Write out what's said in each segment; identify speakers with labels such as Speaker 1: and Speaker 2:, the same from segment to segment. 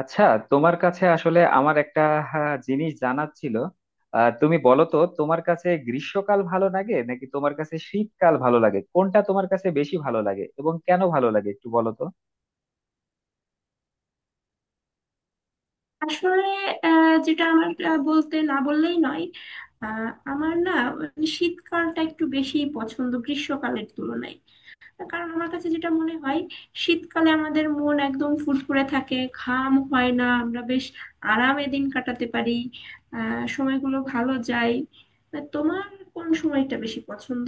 Speaker 1: আচ্ছা, তোমার কাছে আসলে আমার একটা, হ্যাঁ, জিনিস জানার ছিল। তুমি বলো তো তোমার কাছে গ্রীষ্মকাল ভালো লাগে নাকি তোমার কাছে শীতকাল ভালো লাগে, কোনটা তোমার কাছে বেশি ভালো লাগে এবং কেন ভালো লাগে একটু বলো তো।
Speaker 2: আসলে যেটা আমার বলতে না বললেই নয়। আমার না, মানে শীতকালটা একটু বেশি পছন্দ গ্রীষ্মকালের তুলনায়। কারণ আমার কাছে যেটা মনে হয়, শীতকালে আমাদের মন একদম ফুরফুরে থাকে, ঘাম হয় না, আমরা বেশ আরামে দিন কাটাতে পারি। সময়গুলো ভালো যায়। তা তোমার কোন সময়টা বেশি পছন্দ?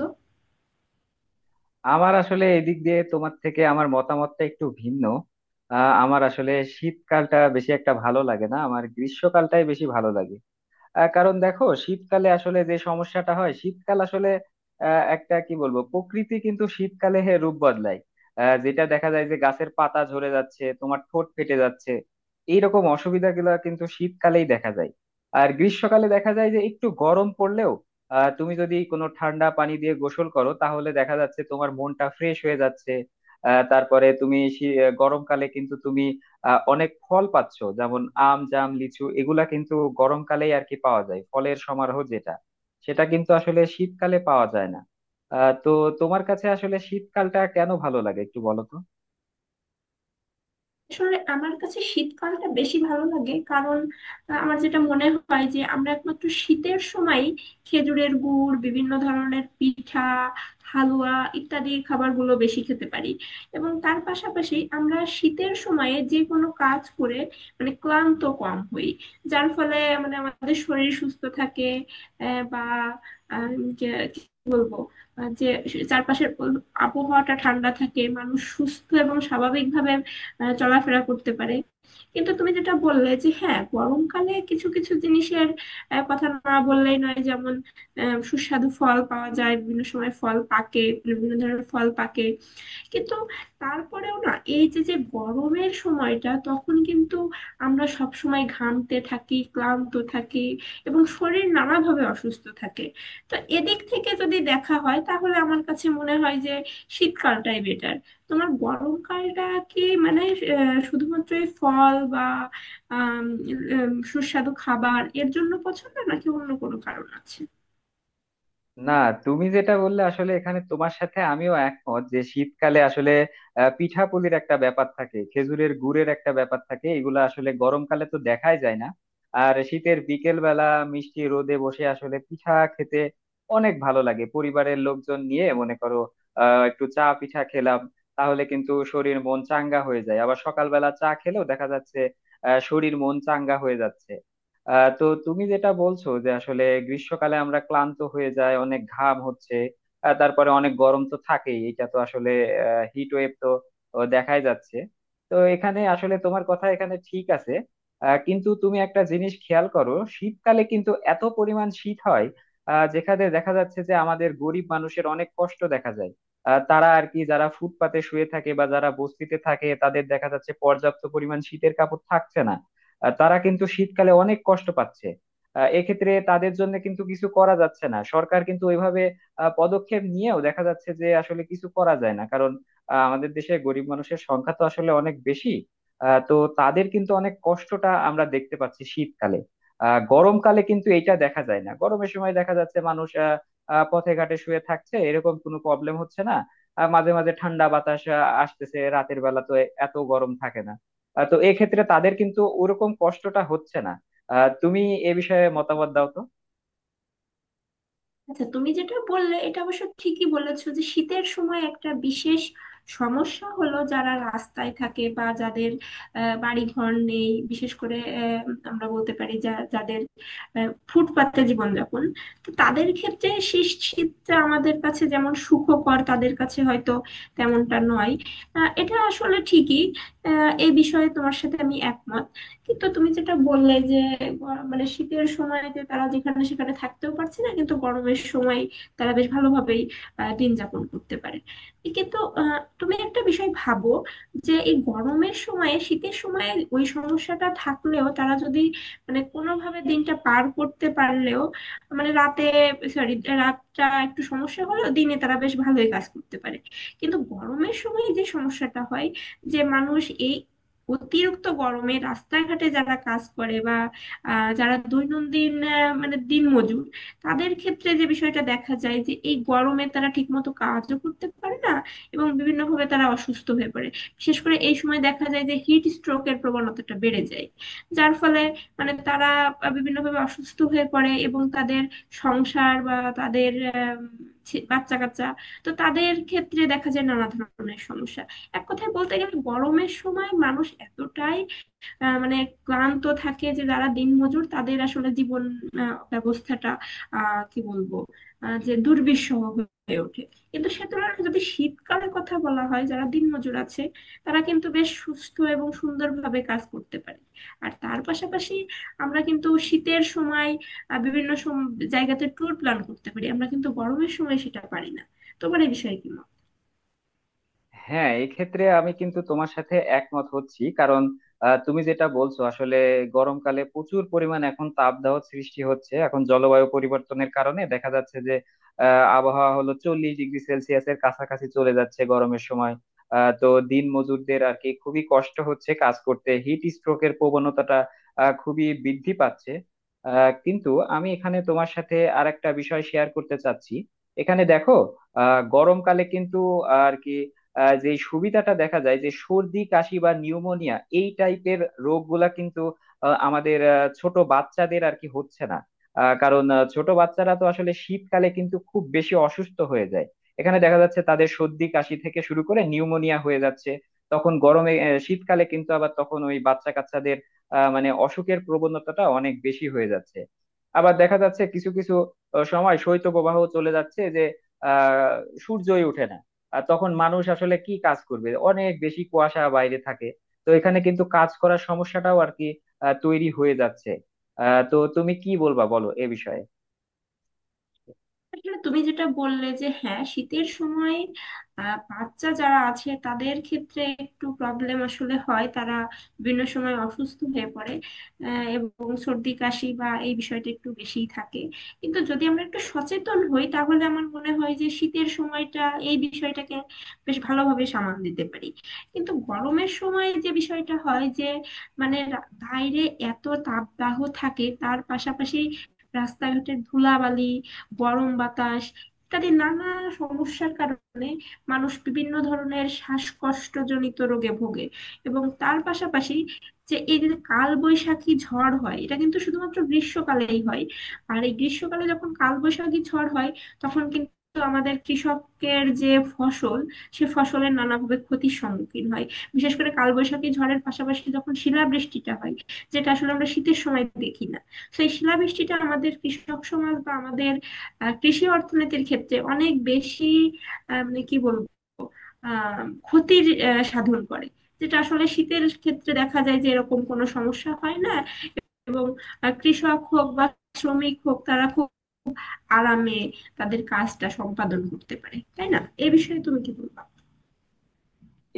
Speaker 1: আমার আসলে এদিক দিয়ে তোমার থেকে আমার মতামতটা একটু ভিন্ন। আমার আসলে শীতকালটা বেশি একটা ভালো লাগে না, আমার গ্রীষ্মকালটাই বেশি ভালো লাগে। কারণ দেখো, শীতকালে আসলে যে সমস্যাটা হয়, শীতকাল আসলে একটা কি বলবো, প্রকৃতি কিন্তু শীতকালে হে রূপ বদলায়। যেটা দেখা যায় যে গাছের পাতা ঝরে যাচ্ছে, তোমার ঠোঁট ফেটে যাচ্ছে, এইরকম অসুবিধাগুলো কিন্তু শীতকালেই দেখা যায়। আর গ্রীষ্মকালে দেখা যায় যে একটু গরম পড়লেও তুমি যদি কোনো ঠান্ডা পানি দিয়ে গোসল করো তাহলে দেখা যাচ্ছে তোমার মনটা ফ্রেশ হয়ে যাচ্ছে। আহ, তারপরে তুমি শী- গরমকালে কিন্তু তুমি অনেক ফল পাচ্ছ, যেমন আম, জাম, লিচু, এগুলা কিন্তু গরমকালেই আর কি পাওয়া যায়, ফলের সমারোহ যেটা, সেটা কিন্তু আসলে শীতকালে পাওয়া যায় না। আহ তো তোমার কাছে আসলে শীতকালটা কেন ভালো লাগে একটু বলো তো।
Speaker 2: আসলে আমার কাছে শীতকালটা বেশি ভালো লাগে, কারণ আমার যেটা মনে হয় যে আমরা একমাত্র শীতের সময় খেজুরের গুড়, বিভিন্ন ধরনের পিঠা, হালুয়া ইত্যাদি খাবারগুলো বেশি খেতে পারি। এবং তার পাশাপাশি আমরা শীতের সময়ে যে কোনো কাজ করে মানে ক্লান্ত কম হই, যার ফলে মানে আমাদের শরীর সুস্থ থাকে। বা আহ, কি বলবো, যে চারপাশের আবহাওয়াটা ঠান্ডা থাকে, মানুষ সুস্থ এবং স্বাভাবিকভাবে চলাফেরা করতে পারে। কিন্তু তুমি যেটা বললে যে হ্যাঁ, গরমকালে কিছু কিছু জিনিসের কথা না বললেই নয়, যেমন সুস্বাদু ফল পাওয়া যায়, বিভিন্ন সময় ফল পাকে, বিভিন্ন ধরনের ফল পাকে। কিন্তু তারপরেও না, এই যে যে গরমের সময়টা তখন কিন্তু আমরা সব সময় ঘামতে থাকি, ক্লান্ত থাকি, এবং শরীর নানাভাবে অসুস্থ থাকে। তো এদিক থেকে যদি দেখা হয় তাহলে আমার কাছে মনে হয় যে শীতকালটাই বেটার। তোমার গরমকালটা কি মানে শুধুমাত্র এই ফল বা আম, সুস্বাদু খাবার এর জন্য পছন্দ, নাকি অন্য কোনো কারণ আছে?
Speaker 1: না, তুমি যেটা বললে আসলে এখানে তোমার সাথে আমিও একমত যে শীতকালে আসলে পিঠাপুলির একটা ব্যাপার থাকে, খেজুরের গুড়ের একটা ব্যাপার থাকে, এগুলো আসলে গরমকালে তো দেখাই যায় না। আর শীতের বিকেল বেলা মিষ্টি রোদে বসে আসলে পিঠা খেতে অনেক ভালো লাগে। পরিবারের লোকজন নিয়ে মনে করো একটু চা পিঠা খেলাম, তাহলে কিন্তু শরীর মন চাঙ্গা হয়ে যায়। আবার সকালবেলা চা খেলেও দেখা যাচ্ছে শরীর মন চাঙ্গা হয়ে যাচ্ছে। আহ তো তুমি যেটা বলছো যে আসলে গ্রীষ্মকালে আমরা ক্লান্ত হয়ে যায়, অনেক ঘাম হচ্ছে, তারপরে অনেক গরম তো থাকেই, এটা তো আসলে হিট ওয়েভ তো, তো দেখাই যাচ্ছে। তো এখানে আসলে তোমার কথা এখানে ঠিক আছে। কিন্তু তুমি একটা জিনিস খেয়াল করো, শীতকালে কিন্তু এত পরিমাণ শীত হয় যেখানে দেখা যাচ্ছে যে আমাদের গরিব মানুষের অনেক কষ্ট দেখা যায়। তারা আর কি, যারা ফুটপাতে শুয়ে থাকে বা যারা বস্তিতে থাকে, তাদের দেখা যাচ্ছে পর্যাপ্ত পরিমাণ শীতের কাপড় থাকছে না। তারা কিন্তু শীতকালে অনেক কষ্ট পাচ্ছে। এক্ষেত্রে তাদের জন্য কিন্তু কিছু করা যাচ্ছে না, সরকার কিন্তু ওইভাবে পদক্ষেপ নিয়েও দেখা যাচ্ছে যে আসলে কিছু করা যায় না, কারণ আমাদের দেশে গরিব মানুষের সংখ্যা তো আসলে অনেক বেশি। আহ, তো তাদের কিন্তু অনেক কষ্টটা আমরা দেখতে পাচ্ছি শীতকালে। গরমকালে কিন্তু এটা দেখা যায় না। গরমের সময় দেখা যাচ্ছে মানুষ আহ, আহ, পথে ঘাটে শুয়ে থাকছে, এরকম কোনো প্রবলেম হচ্ছে না। মাঝে মাঝে ঠান্ডা বাতাস আসতেছে, রাতের বেলা তো এত গরম থাকে না। তো এক্ষেত্রে তাদের কিন্তু ওরকম কষ্টটা হচ্ছে না। তুমি এ বিষয়ে মতামত দাও তো।
Speaker 2: আচ্ছা, তুমি যেটা বললে এটা অবশ্য ঠিকই বলেছো, যে শীতের সময় একটা বিশেষ সমস্যা হলো যারা রাস্তায় থাকে বা যাদের বাড়ি ঘর নেই, বিশেষ করে আমরা বলতে পারি যা যাদের ফুটপাতে জীবনযাপন। তো তাদের ক্ষেত্রে শীতটা আমাদের কাছে যেমন সুখকর, তাদের কাছে হয়তো তেমনটা নয়। এটা আসলে ঠিকই। এই বিষয়ে তোমার সাথে আমি একমত। কিন্তু তুমি যেটা বললে যে মানে শীতের সময়তে তারা যেখানে সেখানে থাকতেও পারছে না, কিন্তু গরমের সময় তারা বেশ ভালোভাবেই দিন যাপন করতে পারে। কিন্তু তুমি একটা বিষয় ভাবো, যে এই গরমের সময়ে শীতের সময়ে ওই সমস্যাটা থাকলেও তারা যদি মানে কোনোভাবে দিনটা পার করতে পারলেও, মানে রাতে, সরি, রাতটা একটু সমস্যা হলেও দিনে তারা বেশ ভালোই কাজ করতে পারে। কিন্তু গরমের সময় যে সমস্যাটা হয়, যে মানুষ, এই অতিরিক্ত গরমে রাস্তাঘাটে যারা কাজ করে বা যারা দৈনন্দিন, মানে দিনমজুর, তাদের ক্ষেত্রে যে বিষয়টা দেখা যায় যে এই গরমে তারা ঠিকমতো কাজও করতে পারে না এবং বিভিন্নভাবে তারা অসুস্থ হয়ে পড়ে। বিশেষ করে এই সময় দেখা যায় যে হিট স্ট্রোকের প্রবণতাটা বেড়ে যায়, যার ফলে মানে তারা বিভিন্নভাবে অসুস্থ হয়ে পড়ে এবং তাদের সংসার বা তাদের বাচ্চা কাচ্চা, তো তাদের ক্ষেত্রে দেখা যায় নানা ধরনের সমস্যা। এক কথায় বলতে গেলে, গরমের সময় মানুষ এতটাই মানে ক্লান্ত থাকে যে যারা দিনমজুর তাদের আসলে জীবন ব্যবস্থাটা, কি বলবো, যে দুর্বিষহ হয়ে ওঠে। কিন্তু সে তুলনায় যদি শীতকালের কথা বলা হয়, যারা দিনমজুর আছে তারা কিন্তু বেশ সুস্থ এবং সুন্দরভাবে কাজ করতে পারে। আর তার পাশাপাশি আমরা কিন্তু শীতের সময় বিভিন্ন জায়গাতে ট্যুর প্ল্যান করতে পারি, আমরা কিন্তু গরমের সময় সেটা পারি না। তোমার এই বিষয়ে কি মত?
Speaker 1: হ্যাঁ, এক্ষেত্রে আমি কিন্তু তোমার সাথে একমত হচ্ছি, কারণ তুমি যেটা বলছো আসলে গরমকালে প্রচুর পরিমাণ এখন তাপদাহ সৃষ্টি হচ্ছে। এখন জলবায়ু পরিবর্তনের কারণে দেখা যাচ্ছে যে আবহাওয়া হলো 40 ডিগ্রি সেলসিয়াসের কাছাকাছি চলে যাচ্ছে গরমের সময়। আহ, তো দিন মজুরদের আর কি খুবই কষ্ট হচ্ছে কাজ করতে, হিট স্ট্রোকের প্রবণতাটা খুবই বৃদ্ধি পাচ্ছে। কিন্তু আমি এখানে তোমার সাথে আরেকটা বিষয় শেয়ার করতে চাচ্ছি। এখানে দেখো গরমকালে কিন্তু আর কি যে সুবিধাটা দেখা যায় যে সর্দি কাশি বা নিউমোনিয়া এই টাইপের রোগগুলা কিন্তু ছোট বাচ্চাদের আর কি হচ্ছে না। ছোট বাচ্চারা তো আসলে শীতকালে কিন্তু খুব বেশি অসুস্থ হয়ে যায়। এখানে দেখা যাচ্ছে তাদের সর্দি কাশি থেকে শুরু করে নিউমোনিয়া হয়ে যাচ্ছে। তখন গরমে শীতকালে কিন্তু আবার তখন ওই বাচ্চা কাচ্চাদের মানে অসুখের প্রবণতাটা অনেক বেশি হয়ে যাচ্ছে। আবার দেখা যাচ্ছে কিছু কিছু সময় শৈত্যপ্রবাহ চলে যাচ্ছে যে আহ সূর্যই ওঠে না। আর তখন মানুষ আসলে কি কাজ করবে, অনেক বেশি কুয়াশা বাইরে থাকে। তো এখানে কিন্তু কাজ করার সমস্যাটাও আর কি তৈরি হয়ে যাচ্ছে। আহ তো তুমি কি বলবা বলো এ বিষয়ে।
Speaker 2: আসলে তুমি যেটা বললে যে হ্যাঁ, শীতের সময় বাচ্চা যারা আছে তাদের ক্ষেত্রে একটু প্রবলেম আসলে হয়, তারা বিভিন্ন সময় অসুস্থ হয়ে পড়ে, এবং সর্দি কাশি বা এই বিষয়টা একটু বেশিই থাকে। কিন্তু যদি আমরা একটু সচেতন হই তাহলে আমার মনে হয় যে শীতের সময়টা এই বিষয়টাকে বেশ ভালোভাবে সামাল দিতে পারি। কিন্তু গরমের সময় যে বিষয়টা হয়, যে মানে বাইরে এত তাপদাহ থাকে, তার পাশাপাশি রাস্তাঘাটের ধুলাবালি, গরম বাতাস ইত্যাদি নানা সমস্যার কারণে মানুষ বিভিন্ন ধরনের শ্বাসকষ্টজনিত রোগে ভোগে। এবং তার পাশাপাশি, যে এই যে কালবৈশাখী ঝড় হয় এটা কিন্তু শুধুমাত্র গ্রীষ্মকালেই হয়। আর এই গ্রীষ্মকালে যখন কালবৈশাখী ঝড় হয়, তখন কিন্তু আমাদের কৃষকের যে ফসল, সে ফসলের নানাভাবে ক্ষতির সম্মুখীন হয়। বিশেষ করে কালবৈশাখী ঝড়ের পাশাপাশি যখন শিলাবৃষ্টিটা হয়, যেটা আসলে আমরা শীতের সময় দেখি না। তো এই শিলাবৃষ্টিটা আমাদের কৃষক সমাজ বা আমাদের কৃষি অর্থনীতির ক্ষেত্রে অনেক বেশি, মানে কি বলবো, আহ, ক্ষতির সাধন করে, যেটা আসলে শীতের ক্ষেত্রে দেখা যায় যে এরকম কোনো সমস্যা হয় না। এবং কৃষক হোক বা শ্রমিক হোক, তারা খুব আরামে তাদের কাজটা সম্পাদন করতে পারে, তাই না? এ বিষয়ে তুমি কি বলবা?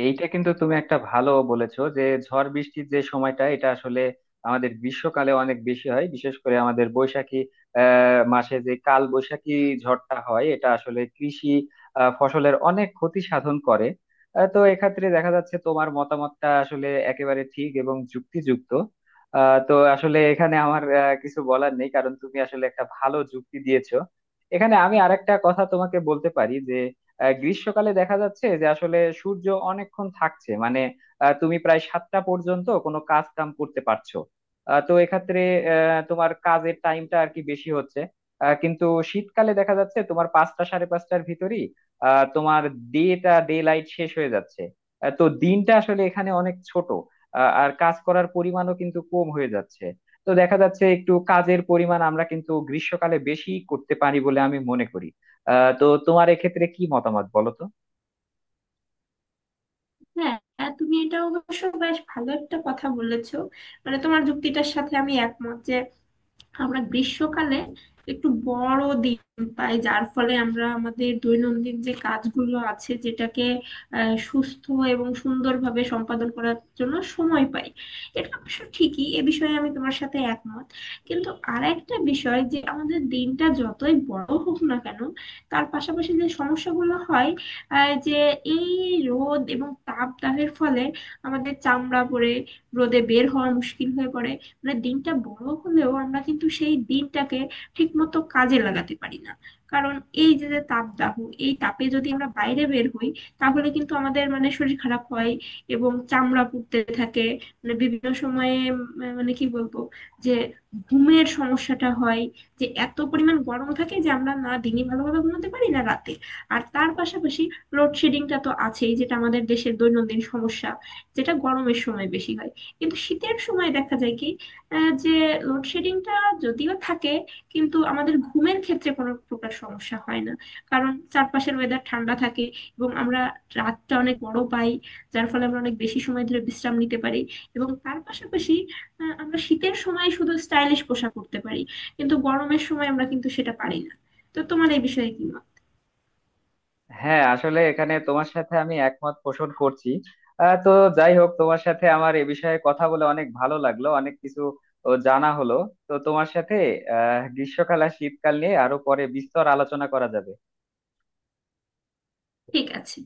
Speaker 1: এইটা কিন্তু তুমি একটা ভালো বলেছো যে ঝড় বৃষ্টির যে সময়টা এটা আসলে আমাদের গ্রীষ্মকালে অনেক বেশি হয়। বিশেষ করে আমাদের বৈশাখী মাসে যে কাল বৈশাখী ঝড়টা হয় এটা আসলে কৃষি ফসলের অনেক ক্ষতি সাধন করে। আহ, তো এক্ষেত্রে দেখা যাচ্ছে তোমার মতামতটা আসলে একেবারে ঠিক এবং যুক্তিযুক্ত। আহ, তো আসলে এখানে আমার কিছু বলার নেই, কারণ তুমি আসলে একটা ভালো যুক্তি দিয়েছো। এখানে আমি আরেকটা কথা তোমাকে বলতে পারি যে গ্রীষ্মকালে দেখা যাচ্ছে যে আসলে সূর্য অনেকক্ষণ থাকছে, মানে তুমি প্রায় 7টা পর্যন্ত কোনো কাজ কাম করতে পারছো। আহ, তো এক্ষেত্রে তোমার কাজের টাইমটা আর কি বেশি হচ্ছে। কিন্তু শীতকালে দেখা যাচ্ছে তোমার 5টা 5:30টার ভিতরই তোমার ডে লাইট শেষ হয়ে যাচ্ছে। আহ, তো দিনটা আসলে এখানে অনেক ছোট, আর কাজ করার পরিমাণও কিন্তু কম হয়ে যাচ্ছে। তো দেখা যাচ্ছে একটু কাজের পরিমাণ আমরা কিন্তু গ্রীষ্মকালে বেশি করতে পারি বলে আমি মনে করি। আহ, তো তোমার এক্ষেত্রে কি মতামত বলো তো।
Speaker 2: হ্যাঁ, হ্যাঁ, তুমি এটা অবশ্য বেশ ভালো একটা কথা বলেছো। মানে তোমার যুক্তিটার সাথে আমি একমত যে আমরা গ্রীষ্মকালে একটু বড় দিন পাই, যার ফলে আমরা আমাদের দৈনন্দিন যে কাজগুলো আছে যেটাকে সুস্থ এবং সুন্দরভাবে সম্পাদন করার জন্য সময় পাই। এটা অবশ্য ঠিকই, এ বিষয়ে আমি তোমার সাথে একমত। কিন্তু আর একটা বিষয়, যে আমাদের দিনটা যতই বড় হোক না কেন, তার পাশাপাশি যে সমস্যাগুলো হয়, যে এই রোদ এবং তাপদাহের ফলে আমাদের চামড়া পড়ে, রোদে বের হওয়া মুশকিল হয়ে পড়ে। মানে দিনটা বড় হলেও আমরা কিন্তু সেই দিনটাকে ঠিকমতো কাজে লাগাতে পারি না, কারণ এই যে যে তাপদাহ, এই তাপে যদি আমরা বাইরে বের হই তাহলে কিন্তু আমাদের মানে শরীর খারাপ হয় এবং চামড়া পুড়তে থাকে। মানে বিভিন্ন সময়ে মানে কি বলবো, যে ঘুমের সমস্যাটা হয়, যে এত পরিমাণ গরম থাকে যে আমরা না দিনে ভালোভাবে ঘুমাতে পারি, না রাতে। আর তার পাশাপাশি লোডশেডিংটা তো আছেই, যেটা আমাদের দেশের দৈনন্দিন সমস্যা, যেটা গরমের সময় বেশি হয়। কিন্তু শীতের সময় দেখা যায় কি, যে লোডশেডিংটা যদিও থাকে, কিন্তু আমাদের ঘুমের ক্ষেত্রে কোনো প্রকার সমস্যা হয় না। কারণ চারপাশের ওয়েদার ঠান্ডা থাকে, এবং আমরা রাতটা অনেক বড় পাই, যার ফলে আমরা অনেক বেশি সময় ধরে বিশ্রাম নিতে পারি। এবং তার পাশাপাশি আমরা শীতের সময় শুধু স্টাইলিশ পোশাক পরতে পারি, কিন্তু গরমের সময় আমরা কিন্তু সেটা পারি না। তো তোমার এই বিষয়ে কি মত?
Speaker 1: হ্যাঁ, আসলে এখানে তোমার সাথে আমি একমত পোষণ করছি। আহ, তো যাই হোক, তোমার সাথে আমার এ বিষয়ে কথা বলে অনেক ভালো লাগলো, অনেক কিছু ও জানা হলো। তো তোমার সাথে গ্রীষ্মকাল আর শীতকাল নিয়ে আরো পরে বিস্তর আলোচনা করা যাবে।
Speaker 2: ঠিক আছে।